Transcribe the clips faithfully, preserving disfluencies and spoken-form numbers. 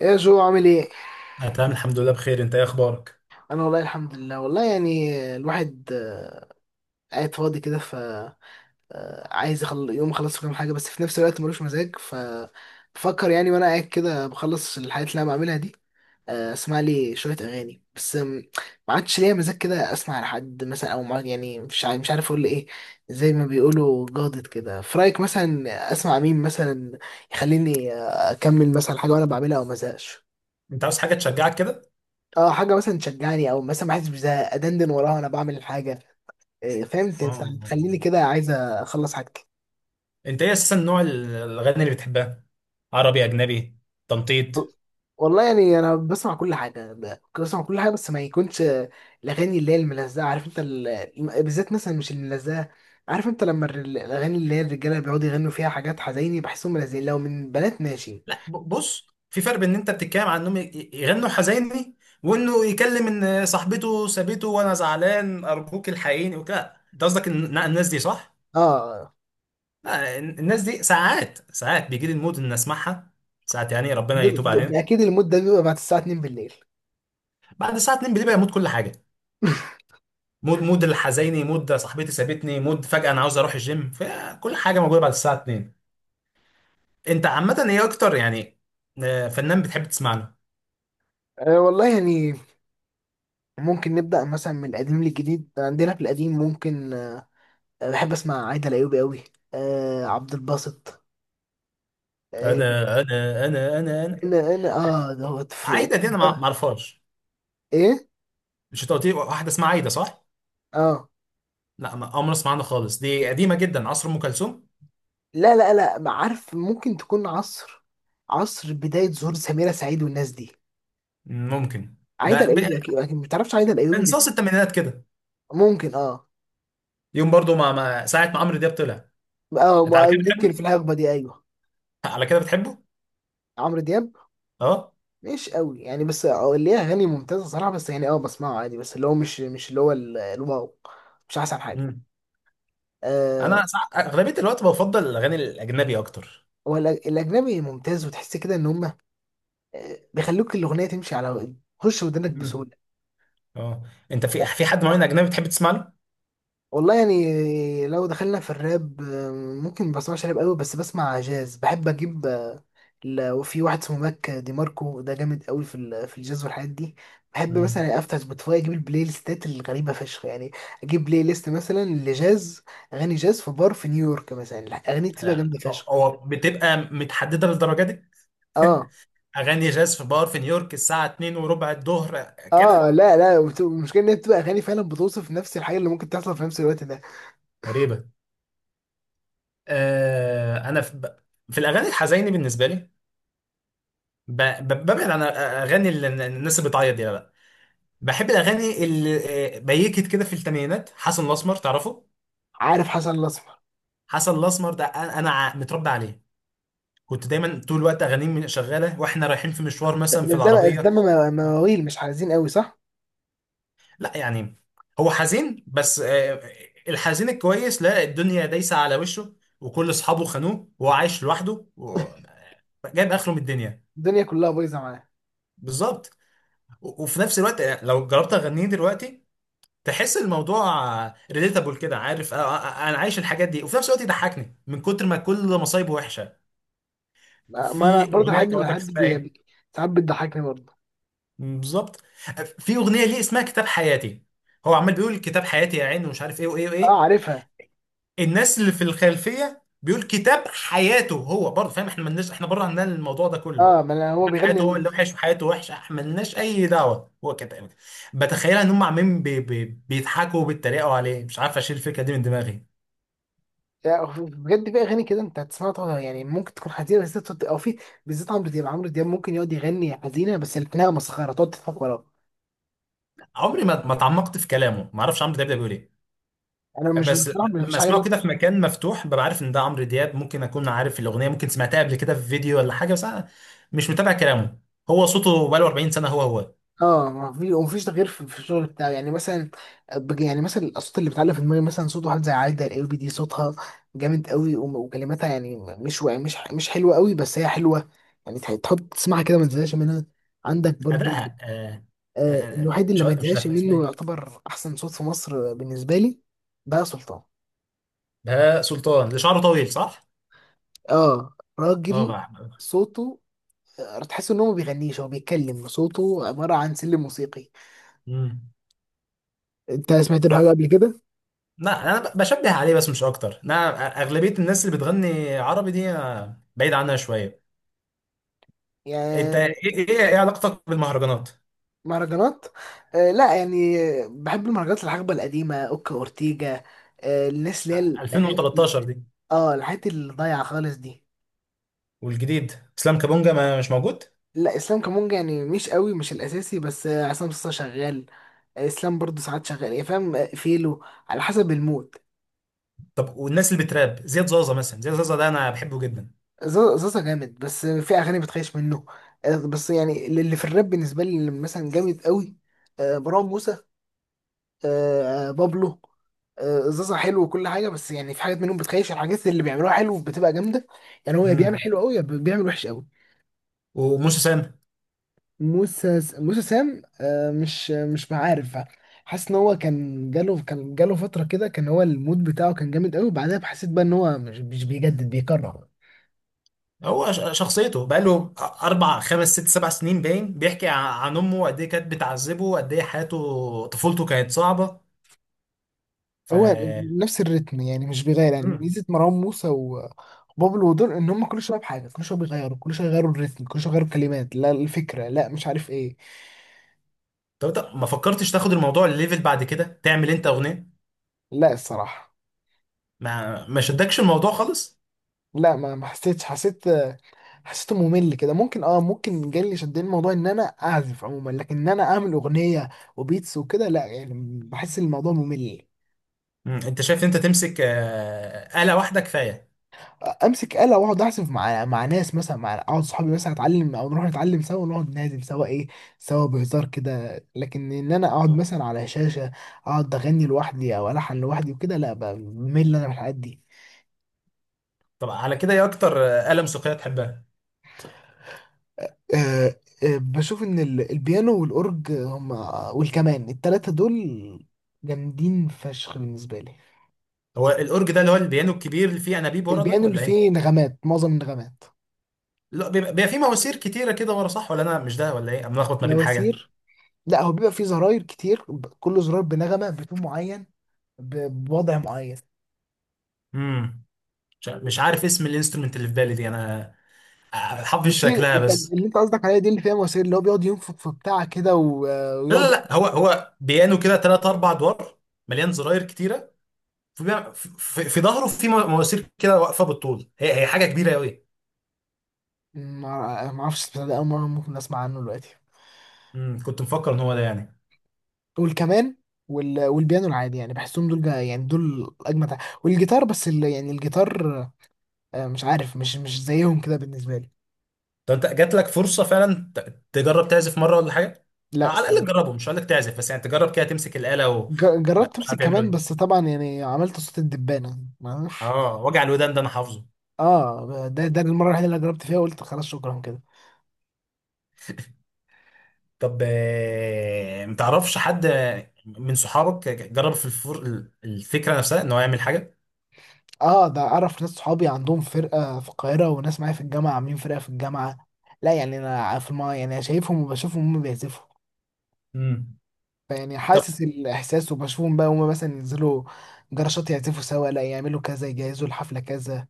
ايه يا جو، عامل ايه؟ انا تمام، الحمد لله بخير. انت ايه اخبارك؟ انا والله الحمد لله، والله يعني الواحد آه، قاعد فاضي كده ف آه، عايز يخل... يوم اخلص كام حاجه، بس في نفس الوقت ملوش مزاج ف بفكر يعني وانا قاعد كده بخلص الحاجات اللي انا بعملها دي. آه، اسمع لي شويه اغاني، بس آم، ما عادش ليا مزاج كده اسمع لحد مثلا، او ما يعني، مش عارف، مش عارف اقول ايه. زي ما بيقولوا جادت كده، في رايك مثلا اسمع مين، مثلا يخليني آه، اكمل مثلا حاجه وانا بعملها، او مزهقش. انت عاوز حاجه تشجعك كده؟ اه، حاجه مثلا تشجعني، او مثلا ما احسش بزهق، ادندن وراها وانا بعمل الحاجه. إيه، فاهم ت- اه. تخليني كده عايز اخلص حاجتي. انت ايه اساسا نوع ال- الاغاني اللي بتحبها؟ عربي؟ اجنبي؟ تنطيط؟ والله يعني انا بسمع كل حاجه، ب- بسمع كل حاجه بس ما يكونش آه، الاغاني اللي هي الملزقه. عارف انت ال... الم- بالذات مثلا مش الملزقه. عارف انت لما الر- الاغاني اللي هي الرجاله بيقعدوا يغنوا فيها حاجات حزيني، بحسهم ملزقين. لو من بنات ماشي. لا، ب- بص، في فرق بين ان انت بتتكلم عن انهم ي- يغنوا حزيني، وانه يكلم ان صاحبته سابته وانا زعلان ارجوك الحقيني وكده. انت قصدك ان إن الناس دي، صح؟ اه لا، ال- الناس دي ساعات ساعات بيجي لي المود ان اسمعها. ساعات يعني ربنا ده, يتوب ده, ده علينا. اكيد المود ده بيبقى بعد الساعه اتنين بالليل. بعد الساعه اتنين بالليل بيبقى يموت كل حاجه. مود مود الحزيني، مود صاحبتي سابتني، مود فجأة انا عاوز اروح الجيم، فكل حاجة موجودة بعد الساعة اتنين. انت عامة ايه اكتر يعني؟ آه، فنان بتحب تسمع له؟ آه والله يعني ممكن نبدا مثلا من القديم للجديد. عندنا في القديم ممكن بحب اسمع عايدة الايوبي قوي. آه عبد الباسط. آه. انا انا انا انا انا. انا انا اه دوت في. عايدة دي انا ما ما اعرفهاش. ايه. مش انت قلت لي واحدة اسمها عايدة، صح؟ اه، لا، ما عمري اسمع عنها خالص. دي قديمة جدا، عصر ام كلثوم. لا لا لا، ما عارف، ممكن تكون عصر، عصر بداية ظهور سميرة سعيد والناس دي. ممكن. عايدة لا ب- الايوبي، اكيد اكيد ما تعرفش عايدة الايوبي دي. انصاص الثمانينات كده. ممكن اه. يوم برضو ما ما ساعة ما عمرو دياب طلع. اه انت على ما- كده ممكن في بتحبه؟ الهجبة دي، ايوه. على كده بتحبه؟ عمرو دياب اه. مش قوي يعني، بس آه، ليه اغاني ممتازة صراحة، بس يعني اه بسمعه عادي، بس اللي هو مش مش اللي هو ال- الواو، مش احسن حاجة. مم. آه. انا سع- اغلبية الوقت بفضل الاغاني الاجنبي اكتر. هو الأج- الاجنبي ممتاز، وتحس كده ان هم بيخلوك الاغنيه تمشي على، تخش ودنك مم. بسهوله. اه. انت في لا، في حد معين اجنبي بتحب تسمع له؟ والله يعني لو دخلنا في الراب آه، ممكن، ما بسمعش راب قوي، بس بسمع جاز. بحب اجيب آه، ل- وفي واحد اسمه ماك دي ماركو، ده جامد قوي في ال- في الجاز والحاجات دي. بحب مم. مثلا افتح سبوتيفاي، اجيب البلاي ليستات الغريبه فشخ يعني. اجيب بلاي ليست مثلا لجاز، اغاني جاز في بار في نيويورك مثلا. الاغاني بتبقى آه، جامده فشخ. هو بتبقى متحدده للدرجه دي؟ اه. اغاني جاز في بار في نيويورك الساعه اثنين وربع الظهر اه، كده؟ لا لا، وبت- المشكله ان هي بتبقى اغاني فعلا بتوصف نفس الحاجه اللي ممكن تحصل في نفس الوقت ده. غريبة. آه انا في, ب... في الاغاني الحزينه بالنسبه لي. ب... ب... ببعد عن اغاني ال- الناس اللي بتعيط دي، لا، لا. بحب الاغاني اللي آه، بيكت كده في الثمانينات. حسن الاسمر تعرفه؟ عارف حسن الاسمر. حسن الاسمر ده انا أنا ع- متربى عليه. كنت دايما طول الوقت اغانيه من- شغاله واحنا رايحين في مشوار ده- مثلا في مش ده بقى- العربيه. ده م- مواويل مش عايزين قوي، صح؟ لا، يعني. هو حزين بس، آه، الحزين الكويس، لا الدنيا دايسة على وشه، وكل اصحابه خانوه وهو عايش لوحده و- آه، جايب اخره من الدنيا. الدنيا كلها بايظه معاه. بالظبط. و- وفي نفس الوقت، آه، لو جربت اغنيه دلوقتي تحس الموضوع ريليتابل كده، عارف؟ آه، آه، آه، انا عايش الحاجات دي، وفي نفس الوقت يضحكني من كتر ما كل مصايبه وحشه. ما ما انا في برضه اغنيه لحد كان ما لك لحد اسمها ايه؟ بي- ساعات بتضحكني برضه. بالظبط. آه، في اغنيه ليه اسمها كتاب حياتي. هو عمال بيقول كتاب حياتي يا عين ومش عارف ايه وايه اه، وايه. عارفها. الناس اللي في الخلفيه بيقول كتاب حياته هو برضه فاهم، احنا مالناش، احنا بره عندنا الموضوع ده كله. اه، ما انا هو كتاب بيغني حياته هو اللي لنفسه. وحش وحياته وحشه، احنا مالناش اي دعوه هو كتاب. بتخيلها ان هم عمالين بي بي بيضحكوا وبيتريقوا عليه. مش عارف اشيل الفكره دي من دماغي. يعني بجد في اغاني كده انت هتسمعها طبعا، يعني ممكن تكون حزينه، بس تقعد- او في بالذات عمرو دياب، عمرو دياب ممكن يقعد يغني حزينه، بس لكنها مسخره تقعد تضحك وراه. عمري ما ما اتعمقت في كلامه، ما اعرفش عمرو دياب ده بيقول ايه. انا مش بس بصراحه لما مش اسمعه حاجه. كده في مكان مفتوح ببقى عارف ان ده عمرو دياب، ممكن اكون عارف الاغنيه، ممكن سمعتها قبل كده في فيديو ولا حاجه، بس انا مش متابع كلامه. هو صوته بقاله 40 سنه هو هو اه، ما في ومفيش تغيير في في الشغل بتاعي، يعني مثلا بج- يعني مثلا الاصوات اللي بتعلق في دماغي، مثلا صوت واحد زي عايدة الايوبي، دي صوتها جامد قوي، وم- وكلماتها يعني مش و- مش مش حلوه قوي، بس هي حلوه. يعني تح- تحط تسمعها كده ما تزهقش منها. عندك برضو أداءها آه آه آه آه آه، الوحيد مش اللي ما عارف- مش يتزهقش نافع اسمها منه، ايه. يعتبر احسن صوت في مصر بالنسبه لي. بقى سلطان. بهاء سلطان اللي شعره طويل، صح؟ اه، اه راجل. بقى. صوته آه، تحس ان هو ما بيغنيش، هو بيتكلم. صوته عباره عن سلم موسيقي. امم انت سمعت له ط- حاجه قبل لا، انا ب- بشبه عليه بس مش اكتر. انا أ- اغلبيه الناس اللي بتغني عربي دي أنا بعيد عنها شويه. انت ايه؟ كده؟ ايه إيه علاقتك بالمهرجانات؟ مهرجانات، آه لا يعني. بحب المهرجانات الحقبة القديمة، اوكا اورتيجا، آه الناس اللي هي الاغاني، الفين وتلتاشر دي؟ اه الحاجات اللي ضايعة خالص دي. والجديد؟ اسلام كابونجا، ما مش موجود؟ لا، اسلام كمونجا يعني مش قوي، مش الاساسي، بس آه، عصام صاصا شغال. آه، اسلام برضه ساعات شغال، يعني فاهم، آه، فيلو على حسب المود. طب والناس اللي بتراب، زياد زازا مثلا. زياد زازا ده انا بحبه جدا. ز- زازا جامد، بس آه، في اغاني بتخيش منه. آه بس يعني اللي في الراب بالنسبة لي اللي مثلا جامد قوي، آه مروان موسى، آه، بابلو. آه، زازا حلو وكل حاجه، بس يعني في حاجات منهم بتخيش. الحاجات اللي بيعملوها حلو بتبقى جامده. يعني هو يا بيعمل امم حلو قوي، يا بيعمل وحش قوي. وموسى سام؟ موسى موسى سام، آه، مش مش عارف، حاسس ان هو كان جاله كان جاله فتره كده، كان هو المود بتاعه كان جامد قوي، وبعدها حسيت بقى ان هو مش مش بيجدد، بيكرر. هو ش- شخصيته بقاله اربع خمس ست سبع سنين، باين بيحكي ع- عن امه قد ايه كانت بتعذبه، قد ايه حياته، طفولته كانت صعبه. ف. هو نفس الريتم، يعني مش بيغير. يعني مم. ميزه مروان موسى و- وبابلو دول، ان هم كل شويه بحاجه، كل شويه بيغيروا، كل شويه يغيروا الريتم، كل شويه يغيروا الكلمات، لا الفكره، لا، مش عارف ايه. طب انت ما فكرتش تاخد الموضوع الليفل بعد كده، تعمل انت اغنيه؟ لا، الصراحة ما ما شدكش الموضوع خالص؟ لا، ما ما حسيتش. حسيت، حسيته ممل كده. ممكن اه ممكن جالي شدني الموضوع ان انا اعزف عموما، لكن ان انا اعمل اغنية وبيتس وكده، لا يعني. بحس الموضوع ممل. مم. انت شايف انت تمسك آه، آلة واحده كفايه؟ امسك آلة واقعد اعزف مع مع ناس مثلا، مع اقعد صحابي مثلا اتعلم، او نروح نتعلم سوا ونقعد نعزف سوا، ايه سوا بهزار كده. لكن ان انا اقعد آه. مثلا على شاشة اقعد اغني لوحدي، او الحن لوحدي وكده، لا بمل انا من الحاجات دي. طب على كده ايه اكتر آه، آلة موسيقيه تحبها؟ آه، آه، بشوف ان ال- البيانو والاورج هم والكمان، التلاتة دول جامدين فشخ بالنسبة لي. هو الاورج ده اللي هو البيانو الكبير اللي فيه انابيب ورا، ده البيانو اللي ولا ايه؟ فيه نغمات، معظم النغمات. لا، بيبقى بيبقى فيه مواسير كتيره كده ورا، صح ولا انا مش ده ولا ايه؟ انا ملخبط ما بين حاجه. مواسير؟ لا، هو بيبقى فيه زراير كتير، ب- كل زرار بنغمة بتون معين، ب- بوضع معين. امم مش مش عارف اسم الانسترومنت اللي في بالي دي انا، حافظ مش دي، شكلها انت- بس. اللي انت قصدك عليها دي اللي فيها مواسير، اللي هو بيقعد ينفخ في بتاع كده و- لا، لا، ويقعد. لا، هو هو بيانو كده ثلاث اربع ادوار، مليان زراير كتيره. في في, في ظهره، في مو- مواسير كده واقفه بالطول، هي هي حاجه كبيره قوي. ما ما اعرفش البتاع ده، اول مرة ممكن اسمع عنه دلوقتي. امم كنت مفكر ان هو ده يعني. والكمان وال... والبيانو العادي، يعني بحسهم دول جا... يعني دول اجمد ع- والجيتار. بس ال... يعني الجيتار آه، مش عارف، مش مش زيهم كده بالنسبه لي. طب انت جات لك فرصه فعلا ت- تجرب تعزف مره ولا حاجه؟ آه، لا على الاقل الصراحه. تجربه، مش هقول لك تعزف، بس يعني تجرب كده تمسك الاله ج... جربت ومش امسك عارف يعملوا كمان، ايه. بس طبعا يعني عملت صوت الدبانه، معرفش. اه، وجع الودان ده انا حافظه. اه، ده ده المره الوحيده اللي جربت فيها، قلت خلاص شكرا كده. طب، آه، متعرفش حد من صحابك جرب في الفر... الفكرة نفسها ان هو يعمل حاجة؟ اه، ده اعرف ناس، صحابي عندهم فرقه في القاهره، وناس معايا في الجامعه عاملين فرقه في الجامعه. لا يعني، انا في الم... يعني شايفهم، وبشوفهم هم بيعزفوا، امم فيعني طب. حاسس الاحساس. وبشوفهم بقى هما مثلا ينزلوا جراشات يعزفوا سوا، لا يعملوا كذا، يجهزوا الحفله كذا.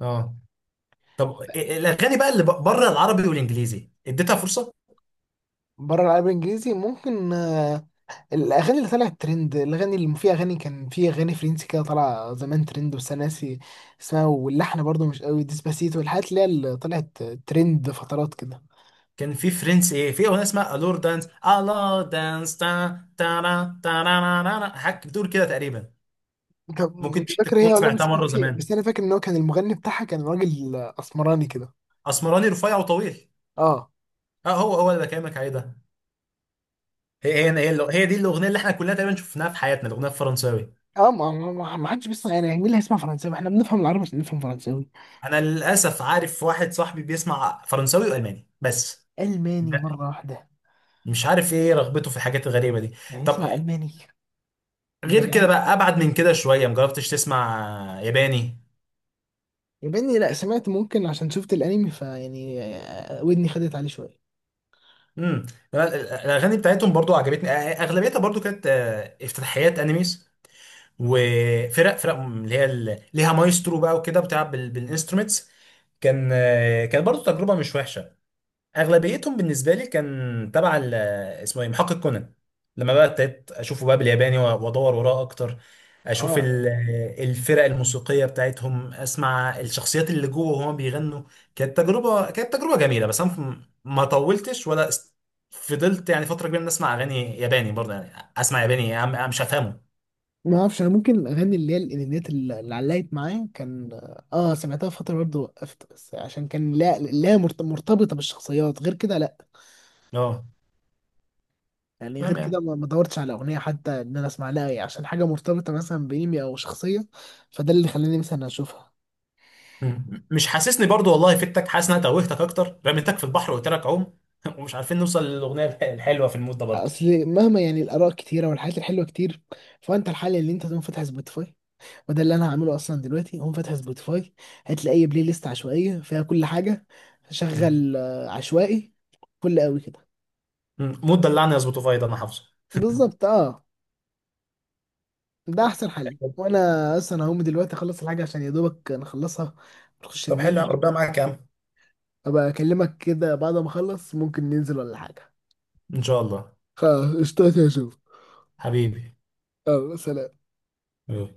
اه. طب، إيه- الاغاني بقى اللي بره العربي والانجليزي اديتها فرصة؟ بره العربي الانجليزي ممكن، آه، الاغاني اللي طلعت ترند، الاغاني اللي في اغاني، كان في اغاني فرنسي كده طالعه زمان ترند، بس انا ناسي اسمها. واللحن برضو مش قوي. ديسباسيتو الحاجات اللي هي اللي طلعت ترند فترات كده. كان في فرنس ايه، في اغنية اسمها الور دانس، الور دانس تا تارا تارا، حاجة بتقول كده تقريبا. طب ممكن مش دي فاكر تكون هي، ولا بس سمعتها كان مرة في، زمان. بس انا فاكر ان هو كان المغني بتاعها كان راجل اسمراني كده. اسمراني رفيع وطويل. اه. اه، هو هو اللي بكلمك عليه ده. هي ف... هي هي, هي دي الاغنية اللي احنا كلنا تقريبا شفناها في حياتنا، الاغنية الفرنساوي. اه، ما ما ما- ما حدش بيسمع يعني، مين اللي هيسمع فرنساوي، احنا بنفهم العربي عشان نفهم فرنساوي. انا للاسف عارف واحد صاحبي بيسمع فرنساوي والماني، بس ب- ألماني مرة واحدة؟ مش عارف ايه رغبته في الحاجات الغريبه دي. يعني طب اسمع ألماني، ده غير كده العيال. بقى، ابعد من كده شويه، مجربتش تسمع ياباني؟ ياباني، لا سمعت، ممكن عشان شفت الأنمي، فيعني آه، ودني خدت عليه شوية. امم الاغاني بتاعتهم برضو عجبتني، اغلبيتها برضو كانت آه، افتتاحيات انيميز، وفرق فرق اللي هي ال- ليها مايسترو بقى وكده بتلعب بال- بالانسترومنتس. كان آه، كان برضو تجربه مش وحشه. اغلبيتهم بالنسبه لي كان تبع ال- اسمه ايه، محقق كونان. لما بقى ابتديت اشوفه بقى بالياباني و- وادور وراه اكتر، اشوف اه، ال- الفرق الموسيقيه بتاعتهم، اسمع الشخصيات اللي جوه وهما بيغنوا. كانت تجربه، كانت تجربه جميله بس انا م- ما طولتش ولا است- فضلت يعني فتره كبيره إن اسمع اغاني ياباني. برضه يعني اسمع ياباني يا عم، أنا مش هفهمه. ما اعرفش انا. ممكن الاغاني اللي هي الانميات اللي اللي علقت معايا، كان اه آه، سمعتها فتره برضه، وقفت، بس عشان كان لا لا مرت- مرتبطه بالشخصيات، غير كده لا اه، يعني. غير تمام يعني. كده ما ما دورتش على اغنيه حتى ان انا اسمع لها، يعني عشان حاجه مرتبطه مثلا بانمي او شخصيه، فده اللي خلاني مثلا اشوفها. مم. مش حاسسني برضه والله فدتك، حاسس ان انا توهتك اكتر، رميتك في البحر وقلت لك عوم. ومش عارفين نوصل للاغنيه الح- الحلوه في المود ده برضه. اصل مهما يعني الاراء كتيره والحاجات الحلوه كتير، فانت الحل اللي انت تقوم فاتح سبوتيفاي. وده اللي انا هعمله اصلا دلوقتي، هقوم فاتح سبوتيفاي، هتلاقي اي بلاي ليست عشوائيه فيها كل حاجه. مم. شغل آه، عشوائي، كل قوي كده. مم. مود دلعني يظبط، فايض انا حافظه. بالظبط اه. ده احسن حل، وانا اصلا هقوم دلوقتي اخلص الحاجه عشان يا دوبك نخلصها، نخش طب حلو، ننام. ربنا معاك يا عم. ابقى اكلمك كده بعد ما اخلص، ممكن ننزل ولا حاجه. ان شاء الله. خلاص، اشتاق اشوف. حبيبي. يلا سلام. يلا.